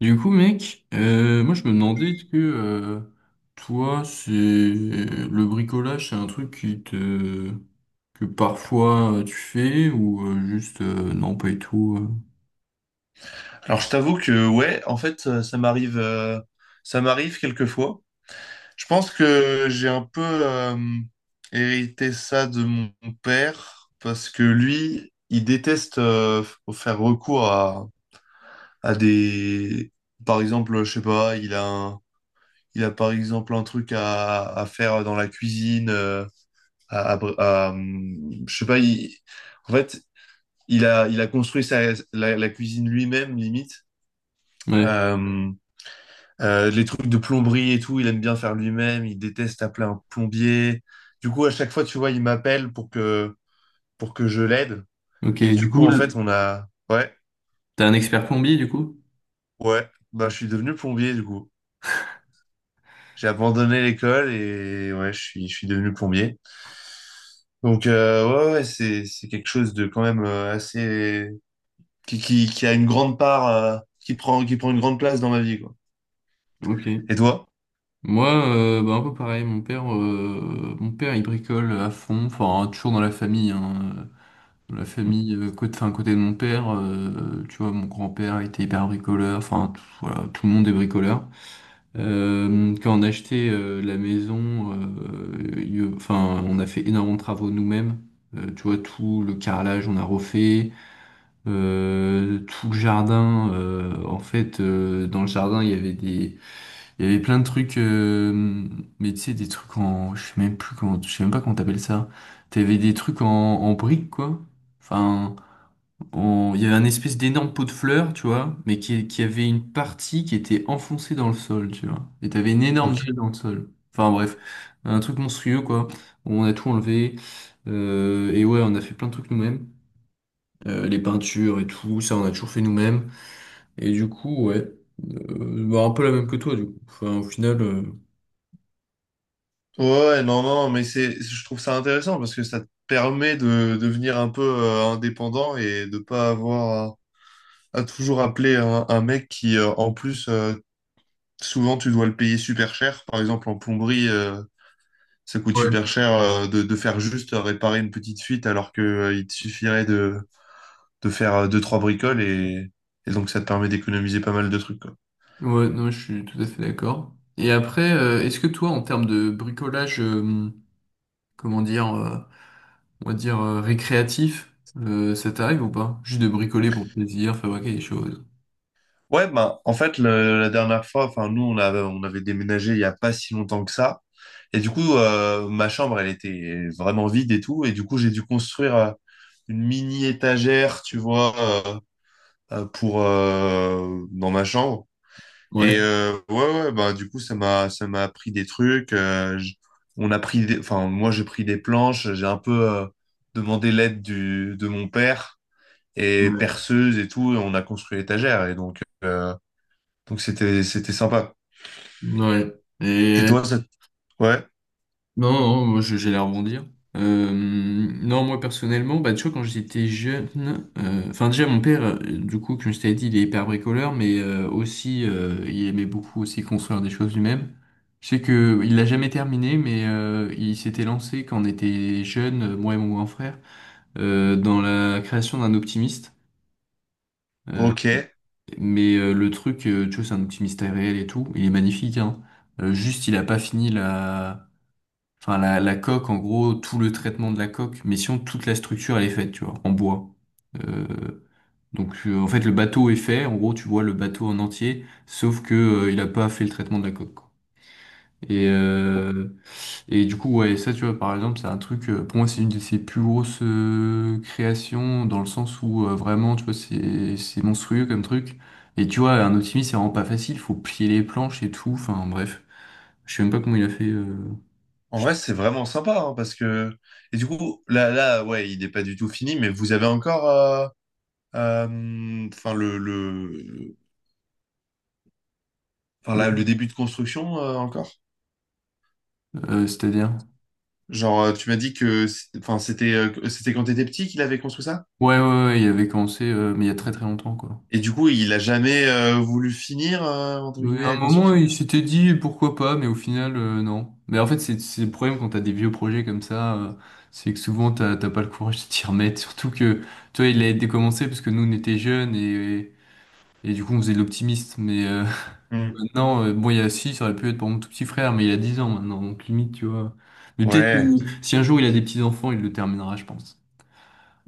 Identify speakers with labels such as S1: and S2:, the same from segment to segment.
S1: Du coup, mec, moi je me demandais est-ce que toi, c'est le bricolage, c'est un truc qui te que parfois tu fais ou juste non pas du tout.
S2: Alors je t'avoue que ouais, en fait ça m'arrive ça m'arrive quelquefois. Je pense que j'ai un peu hérité ça de mon père parce que lui, il déteste faire recours à des par exemple, je sais pas, il a par exemple un truc à faire dans la cuisine je sais pas, en fait, il a construit la cuisine lui-même limite.
S1: Ouais.
S2: Euh, les trucs de plomberie et tout, il aime bien faire lui-même, il déteste appeler un plombier. Du coup, à chaque fois, tu vois, il m'appelle pour que je l'aide.
S1: Ok.
S2: Et
S1: Du
S2: du coup,
S1: coup,
S2: en fait, on a... Ouais,
S1: t'es un expert plombier du coup?
S2: ouais, bah, je suis devenu plombier, du coup. J'ai abandonné l'école et ouais, je suis devenu plombier. Donc, ouais, ouais, c'est quelque chose de quand même assez... qui a une grande part, qui prend une grande place dans ma vie, quoi.
S1: Ok.
S2: Et toi?
S1: Moi, bah, un peu pareil. Mon père, il bricole à fond. Enfin, toujours dans la famille. Hein. Dans la
S2: Hmm.
S1: famille, côté, enfin, côté de mon père, tu vois, mon grand-père était hyper bricoleur. Enfin, voilà, tout le monde est bricoleur. Quand on a acheté la maison, enfin, on a fait énormément de travaux nous-mêmes. Tu vois, tout le carrelage, on a refait. Tout le jardin, en fait, dans le jardin, il y avait il y avait plein de trucs, mais tu sais, des trucs en, je sais même plus comment, je sais même pas comment t'appelles ça. T'avais des trucs en, en briques, quoi. Enfin il y avait un espèce d'énorme pot de fleurs, tu vois, mais qui avait une partie qui était enfoncée dans le sol, tu vois. Et t'avais une énorme
S2: Ok.
S1: dalle dans le sol. Enfin bref, un truc monstrueux, quoi. On a tout enlevé. Et ouais, on a fait plein de trucs nous-mêmes. Les peintures et tout, ça, on a toujours fait nous-mêmes. Et du coup, ouais. Bah, un peu la même que toi, du coup. Enfin, au final.
S2: Ouais, ouais, non, non, mais c'est, je trouve ça intéressant parce que ça te permet de devenir un peu indépendant et de pas avoir à toujours appeler un mec qui, en plus, souvent tu dois le payer super cher. Par exemple, en plomberie, ça coûte
S1: Ouais.
S2: super cher de faire juste réparer une petite fuite alors que il te suffirait de faire deux, trois bricoles et donc ça te permet d'économiser pas mal de trucs, quoi.
S1: Ouais, non, je suis tout à fait d'accord. Et après, est-ce que toi, en termes de bricolage, comment dire. On va dire, récréatif, ça t'arrive ou pas? Juste de bricoler pour le plaisir, fabriquer des choses.
S2: Ouais, ben, en fait, la dernière fois, enfin, nous, on avait déménagé il y a pas si longtemps que ça. Et du coup, ma chambre, elle était vraiment vide et tout. Et du coup, j'ai dû construire une mini étagère, tu vois, euh, pour, dans ma chambre. Et
S1: Ouais,
S2: ouais, ouais, ben, du coup, ça m'a appris des trucs. On a pris des, enfin, moi, j'ai pris des planches. J'ai un peu demandé l'aide de mon père et
S1: Ouais.
S2: perceuse et tout. Et on a construit l'étagère. Et donc c'était sympa.
S1: Ouais.
S2: Et
S1: Et
S2: toi, ça... ouais,
S1: non, non, moi j'allais rebondir. Non, moi personnellement, bah, tu vois, quand j'étais jeune, enfin déjà mon père, du coup, comme je t'avais dit, il est hyper bricoleur, mais aussi il aimait beaucoup aussi construire des choses lui-même. Je sais que il l'a jamais terminé, mais il s'était lancé quand on était jeune, moi et mon grand frère, dans la création d'un optimiste. Euh,
S2: ok.
S1: Mais le truc, tu vois, c'est un petit mystère réel et tout. Il est magnifique, hein. Juste, il a pas fini la. Enfin, la coque, en gros, tout le traitement de la coque. Mais sinon, toute la structure, elle est faite, tu vois, en bois. Euh, donc, en fait, le bateau est fait. En gros, tu vois le bateau en entier, sauf que, il a pas fait le traitement de la coque, quoi. Et, euh, et du coup, ouais, ça, tu vois, par exemple, c'est un truc, pour moi, c'est une de ses plus grosses créations, dans le sens où vraiment, tu vois, c'est monstrueux comme truc. Et tu vois, un optimiste, c'est vraiment pas facile, faut plier les planches et tout, enfin, bref. Je sais même pas comment il a fait,
S2: En
S1: je-
S2: vrai, c'est vraiment sympa hein, parce que et du coup là ouais, il n'est pas du tout fini, mais vous avez encore enfin le enfin là, le
S1: le-
S2: début de construction encore.
S1: c'est-à-dire.
S2: Genre tu m'as dit que enfin c'était c'était quand t'étais petit qu'il avait construit ça
S1: Ouais, ouais, ouais, il avait commencé, mais il y a très très longtemps, quoi.
S2: et du coup il a jamais voulu finir entre
S1: Mais
S2: guillemets
S1: à un
S2: la
S1: moment,
S2: construction.
S1: il s'était dit pourquoi pas, mais au final, non. Mais en fait, c'est le problème quand t'as des vieux projets comme ça, c'est que souvent t'as pas le courage de t'y remettre. Surtout que toi, il a été commencé parce que nous, on était jeunes et, du coup, on faisait de l'optimiste. Mais
S2: Hmm.
S1: maintenant, bon, il y a six, ça aurait pu être pour mon tout petit frère, mais il a 10 ans maintenant, donc limite, tu vois. Mais peut-être que
S2: Ouais,
S1: si un jour il a des petits-enfants, il le terminera, je pense.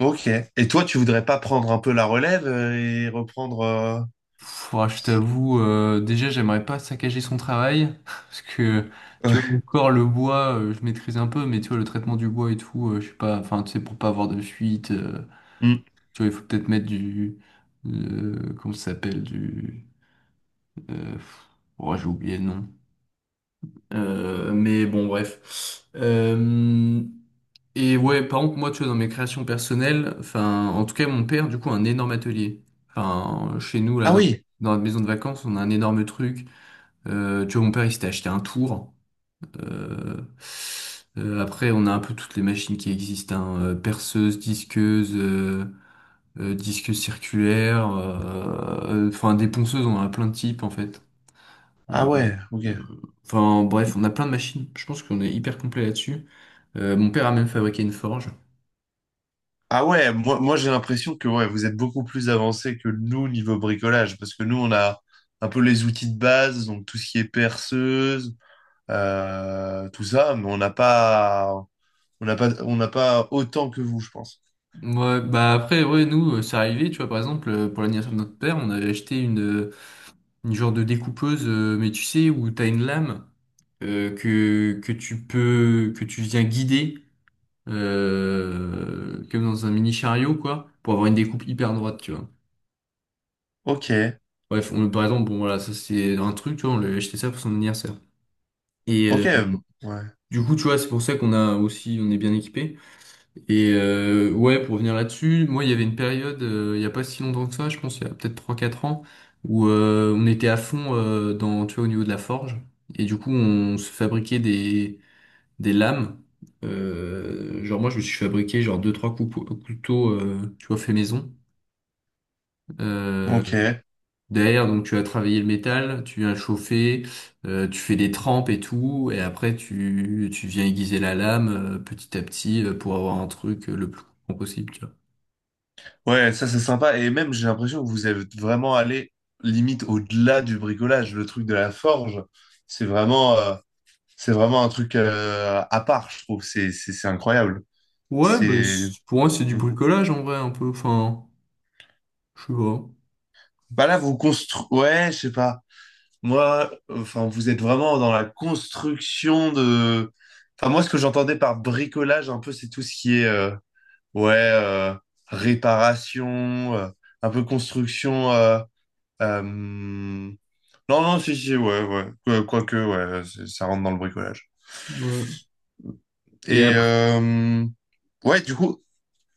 S2: ok. Et toi, tu voudrais pas prendre un peu la relève et reprendre
S1: Pff, ah, je t'avoue, déjà, j'aimerais pas saccager son travail, parce que, tu vois,
S2: Ouais.
S1: encore le bois, je maîtrise un peu, mais tu vois, le traitement du bois et tout, je sais pas, enfin, tu sais, pour pas avoir de fuite,
S2: Hmm.
S1: tu vois, il faut peut-être mettre du, comment ça s'appelle, du, euh, pff, oh, j'ai oublié le nom. Mais bon, bref. Et ouais, par contre, moi, tu vois, dans mes créations personnelles, enfin, en tout cas, mon père, du coup, a un énorme atelier. Enfin, chez nous, là,
S2: Ah
S1: dans,
S2: oui,
S1: dans la maison de vacances, on a un énorme truc. Tu vois, mon père, il s'était acheté un tour. Euh, après, on a un peu toutes les machines qui existent, hein, perceuse, disqueuse, disqueuse circulaire, enfin des ponceuses, on en a plein de types en fait.
S2: Ah
S1: Euh,
S2: ouais, ok.
S1: Enfin bref, on a plein de machines. Je pense qu'on est hyper complet là-dessus. Mon père a même fabriqué une forge.
S2: Ah ouais, moi, moi j'ai l'impression que ouais, vous êtes beaucoup plus avancé que nous niveau bricolage, parce que nous on a un peu les outils de base, donc tout ce qui est perceuse, tout ça, mais on n'a pas autant que vous, je pense.
S1: Ouais, bah après, ouais, nous, c'est arrivé, tu vois, par exemple, pour l'anniversaire de notre père, on avait acheté une genre de découpeuse, mais tu sais, où t'as une lame que tu peux, que tu viens guider, comme dans un mini chariot, quoi, pour avoir une découpe hyper droite, tu vois.
S2: Ok,
S1: Bref, on, par exemple, bon, voilà, ça c'est un truc, tu vois, on lui a acheté ça pour son anniversaire. Et
S2: ok, ouais,
S1: du coup, tu vois, c'est pour ça qu'on a aussi, on est bien équipé. Et ouais, pour revenir là-dessus, moi, il y avait une période, il n'y a pas si longtemps que ça, je pense, il y a peut-être 3 4 ans, où on était à fond dans, tu vois, au niveau de la forge. Et du coup, on se fabriquait des lames. Genre, moi, je me suis fabriqué genre deux trois 3 couteaux, tu vois, fait maison. Euh,
S2: ok,
S1: derrière, donc, tu as travaillé le métal, tu viens le chauffer, tu fais des trempes et tout, et après, tu viens aiguiser la lame petit à petit pour avoir un truc le plus coupant possible, tu vois.
S2: ouais, ça c'est sympa. Et même j'ai l'impression que vous êtes vraiment allé limite au-delà du bricolage, le truc de la forge, c'est vraiment, euh, c'est vraiment un truc à part, je trouve. C'est incroyable.
S1: Ouais, mais
S2: C'est.
S1: pour moi, c'est du bricolage en vrai, un peu. Enfin, je sais pas.
S2: Bah là, vous construisez. Ouais, je sais pas. Moi, enfin, vous êtes vraiment dans la construction de. Enfin, moi, ce que j'entendais par bricolage, un peu, c'est tout ce qui est. Ouais, réparation, un peu construction. Non, non, si, si, ouais, ouais. Quoique, ouais, ça rentre dans le bricolage.
S1: Ouais. Et
S2: Et.
S1: après,
S2: Ouais,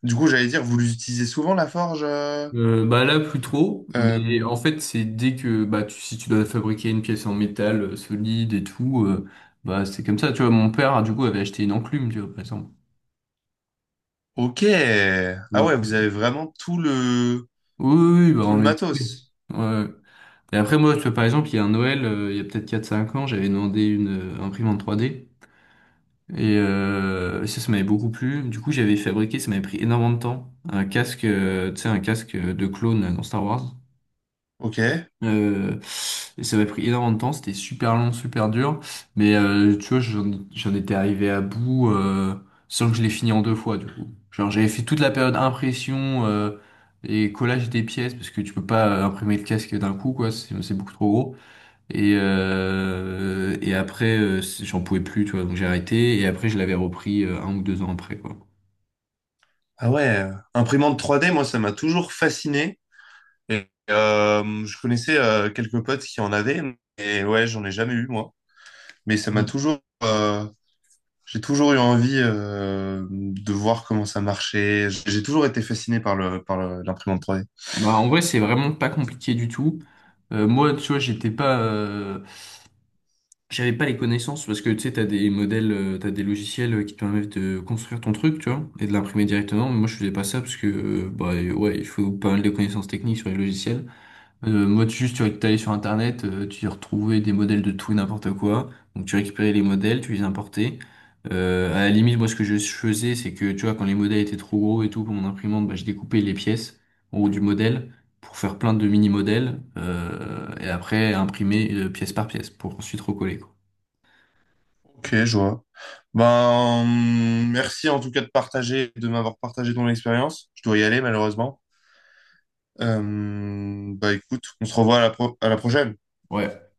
S2: du coup, j'allais dire, vous l'utilisez souvent, la forge?
S1: bah là, plus trop. Mais
S2: Euh,
S1: en fait, c'est dès que bah tu, si tu dois fabriquer une pièce en métal solide et tout, bah c'est comme ça. Tu vois, mon père, du coup, avait acheté une enclume, tu vois, par exemple.
S2: Ok. Ah
S1: Donc,
S2: ouais, vous avez vraiment
S1: oui, oui, oui, bah
S2: tout le
S1: on est équipé.
S2: matos.
S1: Ouais. Et après, moi, tu vois, par exemple, il y a un Noël, il y a peut-être 4 5 ans, j'avais demandé une imprimante 3D. Et ça, ça m'avait beaucoup plu. Du coup, j'avais fabriqué, ça m'avait pris énormément de temps, un casque, tu sais, un casque de clone dans Star Wars.
S2: Ok.
S1: Euh, et ça m'avait pris énormément de temps, c'était super long, super dur. Mais tu vois, j'en étais arrivé à bout sans que je l'ai fini en deux fois, du coup. Genre, j'avais fait toute la période impression et collage des pièces, parce que tu peux pas imprimer le casque d'un coup, quoi, c'est beaucoup trop gros. Et après, j'en pouvais plus, tu vois, donc j'ai arrêté. Et après, je l'avais repris un ou deux ans après, quoi.
S2: Ah ouais. Imprimante 3D, moi, ça m'a toujours fasciné. Et je connaissais quelques potes qui en avaient, et ouais, j'en ai jamais eu moi. Mais ça m'a
S1: Mm.
S2: toujours, j'ai toujours eu envie de voir comment ça marchait. J'ai toujours été fasciné par l'imprimante 3D.
S1: Bah, en vrai, c'est vraiment pas compliqué du tout. Moi, tu vois, j'avais pas les connaissances parce que tu sais, t'as des modèles, t'as des logiciels qui te permettent de construire ton truc, tu vois, et de l'imprimer directement. Mais moi, je faisais pas ça parce que, bah, ouais, il faut pas mal de connaissances techniques sur les logiciels. Motus, tu allé sur Internet, tu y retrouvais des modèles de tout et n'importe quoi. Donc tu récupérais les modèles, tu les importais. À la limite, moi ce que je faisais, c'est que tu vois, quand les modèles étaient trop gros et tout pour mon imprimante, bah, je découpais les pièces en haut du modèle pour faire plein de mini-modèles et après imprimer pièce par pièce pour ensuite recoller, quoi.
S2: Ok, je vois. Ben, merci en tout cas de partager, de m'avoir partagé ton expérience. Je dois y aller malheureusement. Bah écoute, on se revoit à à la prochaine.
S1: Ouais.